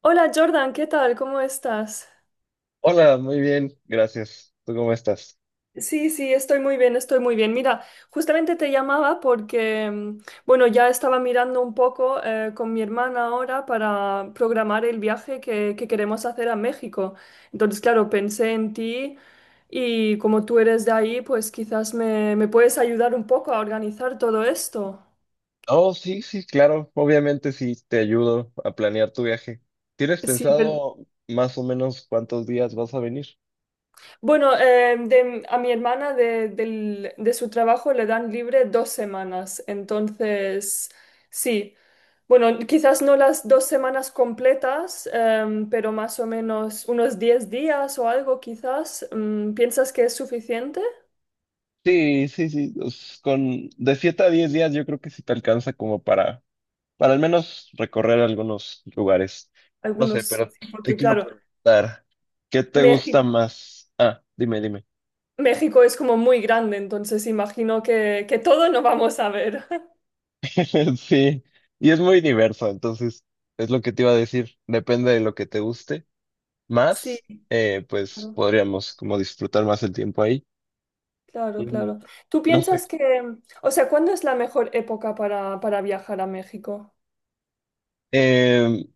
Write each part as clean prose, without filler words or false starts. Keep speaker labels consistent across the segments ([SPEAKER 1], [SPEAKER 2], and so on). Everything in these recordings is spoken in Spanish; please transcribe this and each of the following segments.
[SPEAKER 1] Hola Jordan, ¿qué tal? ¿Cómo estás?
[SPEAKER 2] Hola, muy bien, gracias. ¿Tú cómo estás?
[SPEAKER 1] Sí, sí, estoy muy bien, estoy muy bien. Mira, justamente te llamaba porque bueno, ya estaba mirando un poco con mi hermana ahora para programar el viaje que queremos hacer a México. Entonces, claro, pensé en ti y como tú eres de ahí, pues quizás me puedes ayudar un poco a organizar todo esto.
[SPEAKER 2] Oh, sí, sí, claro. Obviamente sí, te ayudo a planear tu viaje. ¿Tienes
[SPEAKER 1] Sí,
[SPEAKER 2] pensado más o menos cuántos días vas a venir?
[SPEAKER 1] bueno, a mi hermana de su trabajo le dan libre 2 semanas, entonces sí. Bueno, quizás no las 2 semanas completas, pero más o menos unos 10 días o algo quizás. ¿Piensas que es suficiente?
[SPEAKER 2] Sí, sí, sí. Pues, con de 7 a 10 días yo creo que sí te alcanza como para al menos recorrer algunos lugares. No sé,
[SPEAKER 1] Algunos sí,
[SPEAKER 2] pero
[SPEAKER 1] sí,
[SPEAKER 2] te
[SPEAKER 1] porque
[SPEAKER 2] quiero
[SPEAKER 1] claro,
[SPEAKER 2] preguntar, ¿qué te gusta
[SPEAKER 1] México,
[SPEAKER 2] más? Ah, dime, dime.
[SPEAKER 1] México es como muy grande, entonces imagino que todo no vamos a ver.
[SPEAKER 2] Sí, y es muy diverso, entonces es lo que te iba a decir. Depende de lo que te guste
[SPEAKER 1] Sí,
[SPEAKER 2] más, pues
[SPEAKER 1] claro.
[SPEAKER 2] podríamos como disfrutar más el tiempo ahí.
[SPEAKER 1] Claro,
[SPEAKER 2] Mm,
[SPEAKER 1] claro. ¿Tú
[SPEAKER 2] no sé.
[SPEAKER 1] piensas que, o sea, ¿cuándo es la mejor época para viajar a México?
[SPEAKER 2] Eh,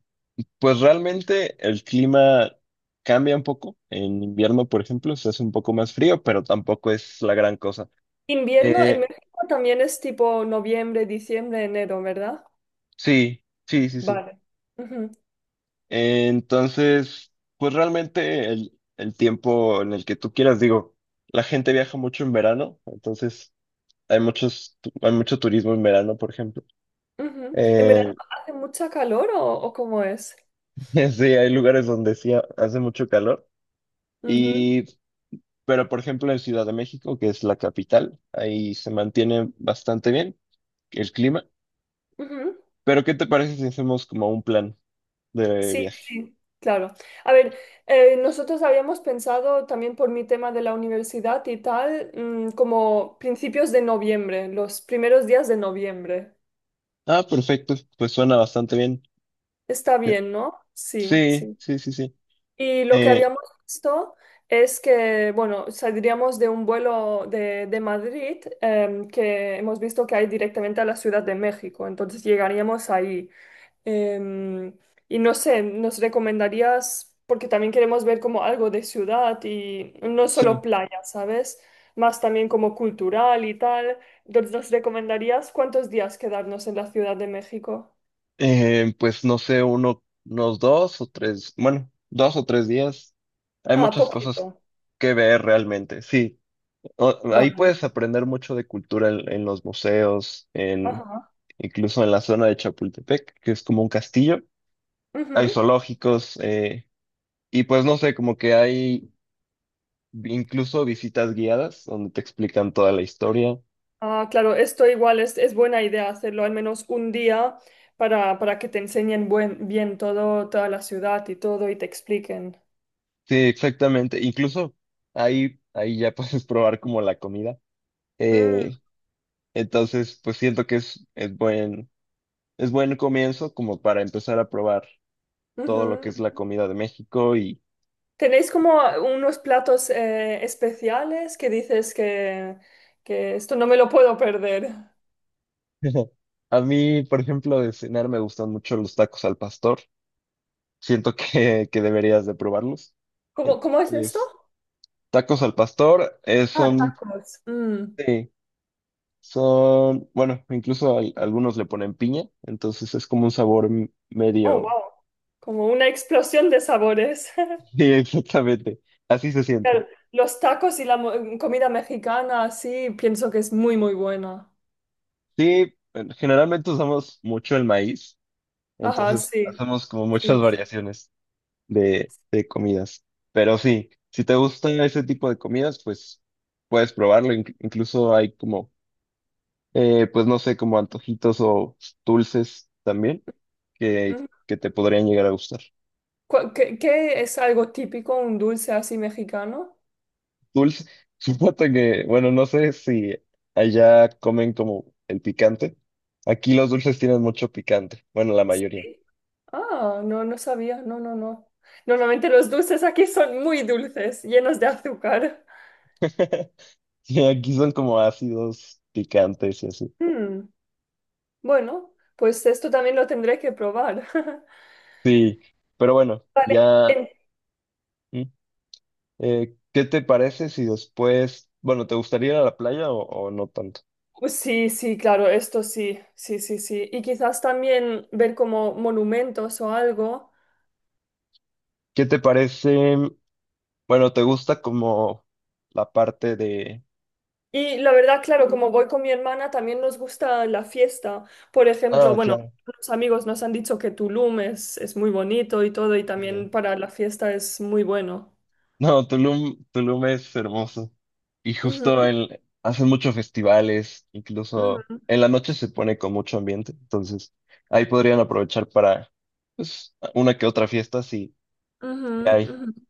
[SPEAKER 2] pues realmente el clima cambia un poco. En invierno, por ejemplo, se hace un poco más frío, pero tampoco es la gran cosa.
[SPEAKER 1] Invierno en
[SPEAKER 2] Eh,
[SPEAKER 1] México también es tipo noviembre, diciembre, enero, ¿verdad?
[SPEAKER 2] sí, sí, sí, sí.
[SPEAKER 1] Vale. Ujú,
[SPEAKER 2] Entonces, pues realmente el tiempo en el que tú quieras, digo, la gente viaja mucho en verano, entonces hay mucho turismo en verano, por ejemplo.
[SPEAKER 1] ujú. ¿En verano
[SPEAKER 2] Eh,
[SPEAKER 1] hace mucha calor o cómo es?
[SPEAKER 2] Sí, hay lugares donde sí hace mucho calor.
[SPEAKER 1] Ujú,
[SPEAKER 2] Y, pero por ejemplo en Ciudad de México, que es la capital, ahí se mantiene bastante bien el clima.
[SPEAKER 1] ujú.
[SPEAKER 2] Pero ¿qué te parece si hacemos como un plan de
[SPEAKER 1] Sí,
[SPEAKER 2] viaje?
[SPEAKER 1] sí, claro. A ver, nosotros habíamos pensado también por mi tema de la universidad y tal, mm, como principios de noviembre, los primeros días de noviembre.
[SPEAKER 2] Ah, perfecto, pues suena bastante bien.
[SPEAKER 1] Está bien, ¿no? Sí,
[SPEAKER 2] Sí,
[SPEAKER 1] sí.
[SPEAKER 2] sí, sí, sí.
[SPEAKER 1] Y lo que
[SPEAKER 2] Eh,
[SPEAKER 1] habíamos visto es que, bueno, saldríamos de un vuelo de Madrid em, que hemos visto que hay directamente a la Ciudad de México, entonces llegaríamos ahí. Em, y no sé, ¿nos recomendarías, porque también queremos ver como algo de ciudad y no solo
[SPEAKER 2] sí,
[SPEAKER 1] playa, sabes? Más también como cultural y tal. Entonces, ¿nos recomendarías cuántos días quedarnos en la Ciudad de México?
[SPEAKER 2] Pues no sé, unos dos o tres, bueno, 2 o 3 días. Hay
[SPEAKER 1] Ah,
[SPEAKER 2] muchas cosas
[SPEAKER 1] poquito.
[SPEAKER 2] que ver realmente. Sí, ahí
[SPEAKER 1] Vale.
[SPEAKER 2] puedes aprender mucho de cultura en los museos,
[SPEAKER 1] Ajá.
[SPEAKER 2] incluso en la zona de Chapultepec, que es como un castillo. Hay
[SPEAKER 1] Ujú.
[SPEAKER 2] zoológicos, y pues no sé, como que hay incluso visitas guiadas donde te explican toda la historia.
[SPEAKER 1] Ah, claro, esto igual es buena idea hacerlo al menos un día para que te enseñen bien todo, toda la ciudad y todo y te expliquen.
[SPEAKER 2] Sí, exactamente. Incluso ahí ya puedes probar como la comida.
[SPEAKER 1] Mm,
[SPEAKER 2] Eh, entonces, pues siento que es buen comienzo como para empezar a probar todo lo que
[SPEAKER 1] ujú.
[SPEAKER 2] es la comida de México.
[SPEAKER 1] ¿Tenéis como unos platos especiales que dices que esto no me lo puedo perder?
[SPEAKER 2] A mí, por ejemplo, de cenar me gustan mucho los tacos al pastor. Siento que deberías de probarlos.
[SPEAKER 1] ¿Cómo es esto?
[SPEAKER 2] Entonces, tacos al pastor,
[SPEAKER 1] Ah,
[SPEAKER 2] son,
[SPEAKER 1] tacos. Mm.
[SPEAKER 2] sí, bueno, incluso algunos le ponen piña, entonces es como un sabor
[SPEAKER 1] Oh,
[SPEAKER 2] medio.
[SPEAKER 1] wow. Como una explosión de sabores.
[SPEAKER 2] Sí, exactamente, así se siente.
[SPEAKER 1] Claro, los tacos y la comida mexicana, sí, pienso que es muy, muy buena.
[SPEAKER 2] Sí, generalmente usamos mucho el maíz,
[SPEAKER 1] Ajá,
[SPEAKER 2] entonces
[SPEAKER 1] sí,
[SPEAKER 2] hacemos como muchas
[SPEAKER 1] sí, sí.
[SPEAKER 2] variaciones de comidas. Pero sí, si te gusta ese tipo de comidas, pues puedes probarlo. Incluso hay como, pues no sé, como antojitos o dulces también que,
[SPEAKER 1] Ujú.
[SPEAKER 2] que te podrían llegar a gustar.
[SPEAKER 1] ¿Qué, qué es algo típico, un dulce así mexicano?
[SPEAKER 2] Dulce, supongo que, bueno, no sé si allá comen como el picante. Aquí los dulces tienen mucho picante, bueno, la mayoría.
[SPEAKER 1] Sí. Ah, no, no sabía, no, no, no. Normalmente los dulces aquí son muy dulces, llenos de azúcar.
[SPEAKER 2] Sí, aquí son como ácidos picantes y así.
[SPEAKER 1] Mm, bueno, pues esto también lo tendré que probar.
[SPEAKER 2] Sí, pero bueno,
[SPEAKER 1] Vale,
[SPEAKER 2] ya. mm, ¿Qué te parece si después, bueno, te gustaría ir a la playa o no tanto?
[SPEAKER 1] sí, sí, claro, esto sí, sí, sí, sí. Y quizás también ver como monumentos o algo.
[SPEAKER 2] ¿Qué te parece, bueno, te gusta como la parte de.
[SPEAKER 1] Y la verdad, claro, como voy con mi hermana, también nos gusta la fiesta. Por ejemplo,
[SPEAKER 2] Ah,
[SPEAKER 1] bueno,
[SPEAKER 2] claro,
[SPEAKER 1] los amigos nos han dicho que Tulum es muy bonito y todo, y
[SPEAKER 2] sí.
[SPEAKER 1] también para la fiesta es muy bueno.
[SPEAKER 2] No, Tulum, Tulum es hermoso. Y justo
[SPEAKER 1] Ujú,
[SPEAKER 2] hacen muchos festivales, incluso
[SPEAKER 1] ujú,
[SPEAKER 2] en la noche se pone con mucho ambiente, entonces ahí podrían aprovechar para, pues, una que otra fiesta si
[SPEAKER 1] ujú,
[SPEAKER 2] hay.
[SPEAKER 1] ujú.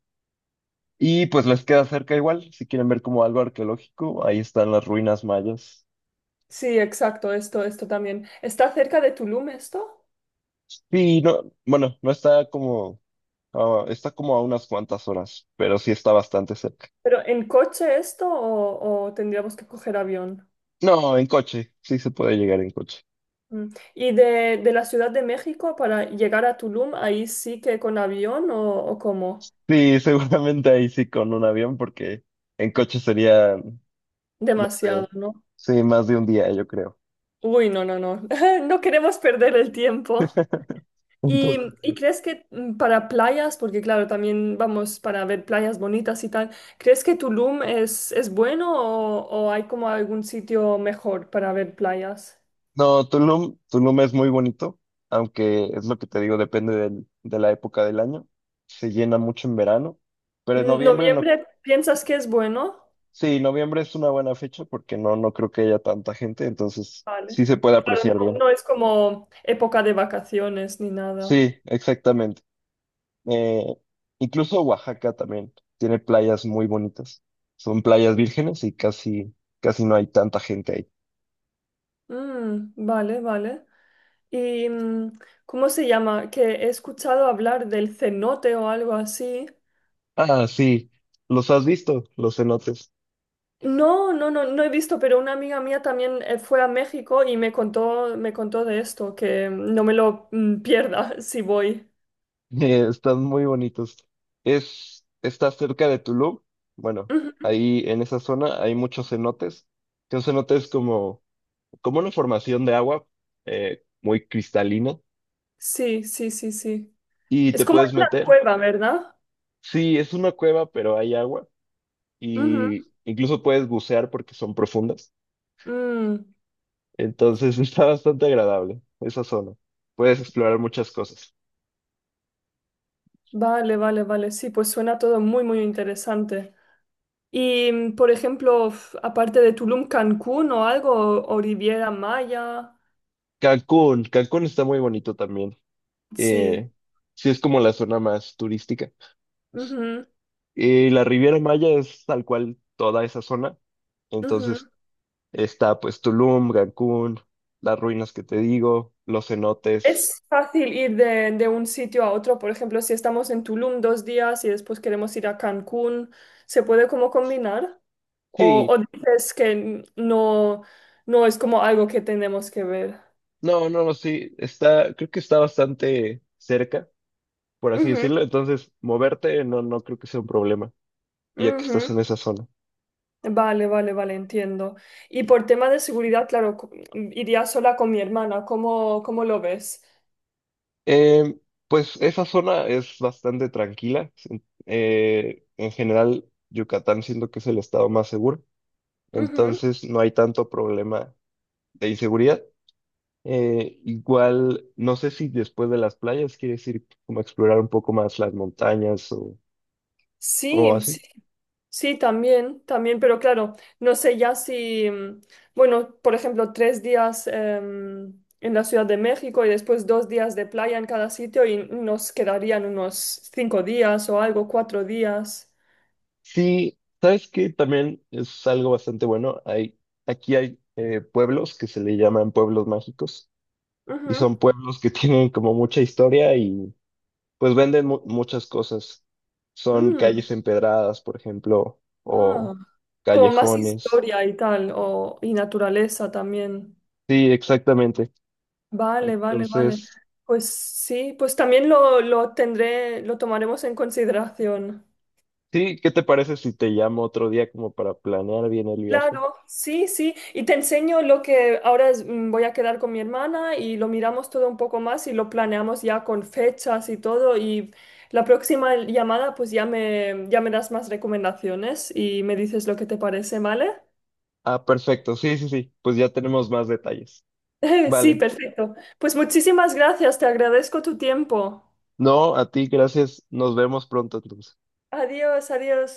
[SPEAKER 2] Y pues les queda cerca igual, si quieren ver como algo arqueológico, ahí están las ruinas mayas.
[SPEAKER 1] Sí, exacto, esto también. ¿Está cerca de Tulum esto?
[SPEAKER 2] Sí, no, bueno, no está como, está como a unas cuantas horas, pero sí está bastante cerca.
[SPEAKER 1] ¿Pero en coche esto o tendríamos que coger avión?
[SPEAKER 2] No, en coche, sí se puede llegar en coche.
[SPEAKER 1] Mm. ¿Y de la Ciudad de México para llegar a Tulum, ahí sí que con avión o cómo?
[SPEAKER 2] Sí, seguramente ahí sí con un avión, porque en coche sería, no sé,
[SPEAKER 1] Demasiado, ¿no?
[SPEAKER 2] sí, más de un día, yo creo.
[SPEAKER 1] Uy, no, no, no. No queremos perder el tiempo.
[SPEAKER 2] Entonces,
[SPEAKER 1] Y crees que mm, para playas, porque claro, también vamos para ver playas bonitas y tal, crees que Tulum es bueno o hay como algún sitio mejor para ver playas?
[SPEAKER 2] no, Tulum, Tulum es muy bonito, aunque es lo que te digo, depende de la época del año. Se llena mucho en verano, pero en noviembre no.
[SPEAKER 1] ¿Noviembre piensas que es bueno?
[SPEAKER 2] Sí, noviembre es una buena fecha porque no, no creo que haya tanta gente, entonces
[SPEAKER 1] Vale.
[SPEAKER 2] sí se puede
[SPEAKER 1] Claro,
[SPEAKER 2] apreciar
[SPEAKER 1] no,
[SPEAKER 2] bien.
[SPEAKER 1] no es como época de vacaciones ni nada.
[SPEAKER 2] Sí, exactamente. Eh, Incluso Oaxaca también tiene playas muy bonitas. Son playas vírgenes y casi, casi no hay tanta gente ahí.
[SPEAKER 1] Mm, vale, vale. ¿Y mm, cómo se llama? Que he escuchado hablar del cenote o algo así.
[SPEAKER 2] Ah, sí, los has visto, los cenotes.
[SPEAKER 1] No, no, no, no he visto, pero una amiga mía también fue a México y me contó de esto, que mm, no me lo mm, pierda si voy.
[SPEAKER 2] Están muy bonitos. Está cerca de Tulum. Bueno,
[SPEAKER 1] Ujú.
[SPEAKER 2] ahí en esa zona hay muchos cenotes. Que un cenote es como una formación de agua, muy cristalina,
[SPEAKER 1] Sí, sí, sí, sí.
[SPEAKER 2] y te
[SPEAKER 1] Es como
[SPEAKER 2] puedes
[SPEAKER 1] una
[SPEAKER 2] meter.
[SPEAKER 1] cueva, ¿verdad?
[SPEAKER 2] Sí, es una cueva, pero hay agua
[SPEAKER 1] Ujú.
[SPEAKER 2] y incluso puedes bucear porque son profundas.
[SPEAKER 1] Mm,
[SPEAKER 2] Entonces está bastante agradable esa zona. Puedes explorar muchas cosas.
[SPEAKER 1] vale, vale, vale. Sí, pues suena todo muy, muy interesante. Y, mm, por ejemplo, aparte de Tulum, Cancún o algo, o Riviera Maya.
[SPEAKER 2] Cancún, Cancún está muy bonito también.
[SPEAKER 1] Sí.
[SPEAKER 2] Eh, sí, es como la zona más turística.
[SPEAKER 1] Ujú,
[SPEAKER 2] Y la Riviera Maya es tal cual toda esa zona. Entonces
[SPEAKER 1] ujú.
[SPEAKER 2] está pues Tulum, Cancún, las ruinas que te digo, los cenotes.
[SPEAKER 1] Es fácil ir de un sitio a otro, por ejemplo, si estamos en Tulum 2 días y después queremos ir a Cancún, ¿se puede como combinar?
[SPEAKER 2] Sí,
[SPEAKER 1] O dices que no, no es como algo que tenemos que ver?
[SPEAKER 2] no, no, sí, está, creo que está bastante cerca, por así
[SPEAKER 1] Ujú,
[SPEAKER 2] decirlo, entonces moverte no, no creo que sea un problema, ya que estás
[SPEAKER 1] ujú.
[SPEAKER 2] en esa zona.
[SPEAKER 1] Vale, vale, vale, entiendo. Y por tema de seguridad, claro, iría sola con mi hermana, ¿cómo lo ves?
[SPEAKER 2] Em, pues esa zona es bastante tranquila, en general Yucatán siento que es el estado más seguro,
[SPEAKER 1] Ujú.
[SPEAKER 2] entonces no hay tanto problema de inseguridad. Igual, no sé si después de las playas quieres ir como a explorar un poco más las montañas o
[SPEAKER 1] Sí,
[SPEAKER 2] así.
[SPEAKER 1] sí, sí, también, también, pero claro, no sé ya si, mm, bueno, por ejemplo, 3 días em, en la Ciudad de México y después 2 días de playa en cada sitio y nos quedarían unos 5 días o algo, 4 días.
[SPEAKER 2] Sí, sabes que también es algo bastante bueno. Aquí hay pueblos que se le llaman pueblos mágicos y
[SPEAKER 1] Ujú.
[SPEAKER 2] son pueblos que tienen como mucha historia y pues venden muchas cosas. Son
[SPEAKER 1] Mm,
[SPEAKER 2] calles empedradas, por ejemplo, o
[SPEAKER 1] ah, como más
[SPEAKER 2] callejones.
[SPEAKER 1] historia y tal, o, y naturaleza también.
[SPEAKER 2] Sí, exactamente.
[SPEAKER 1] Vale, vale, vale.
[SPEAKER 2] Entonces,
[SPEAKER 1] Pues sí, pues también lo tendré, lo tomaremos en consideración.
[SPEAKER 2] sí, ¿qué te parece si te llamo otro día como para planear bien el viaje?
[SPEAKER 1] Claro, sí, sí. Y te enseño lo que ahora voy a quedar con mi hermana y lo miramos todo un poco más y lo planeamos ya con fechas y todo. Y la próxima llamada, pues ya ya me das más recomendaciones y me dices lo que te parece, ¿vale?
[SPEAKER 2] Ah, perfecto. Sí, sí, sí. Pues ya tenemos más detalles.
[SPEAKER 1] Sí,
[SPEAKER 2] Vale.
[SPEAKER 1] perfecto. Pues muchísimas gracias, te agradezco tu tiempo.
[SPEAKER 2] No, a ti, gracias. Nos vemos pronto, entonces.
[SPEAKER 1] Adiós, adiós.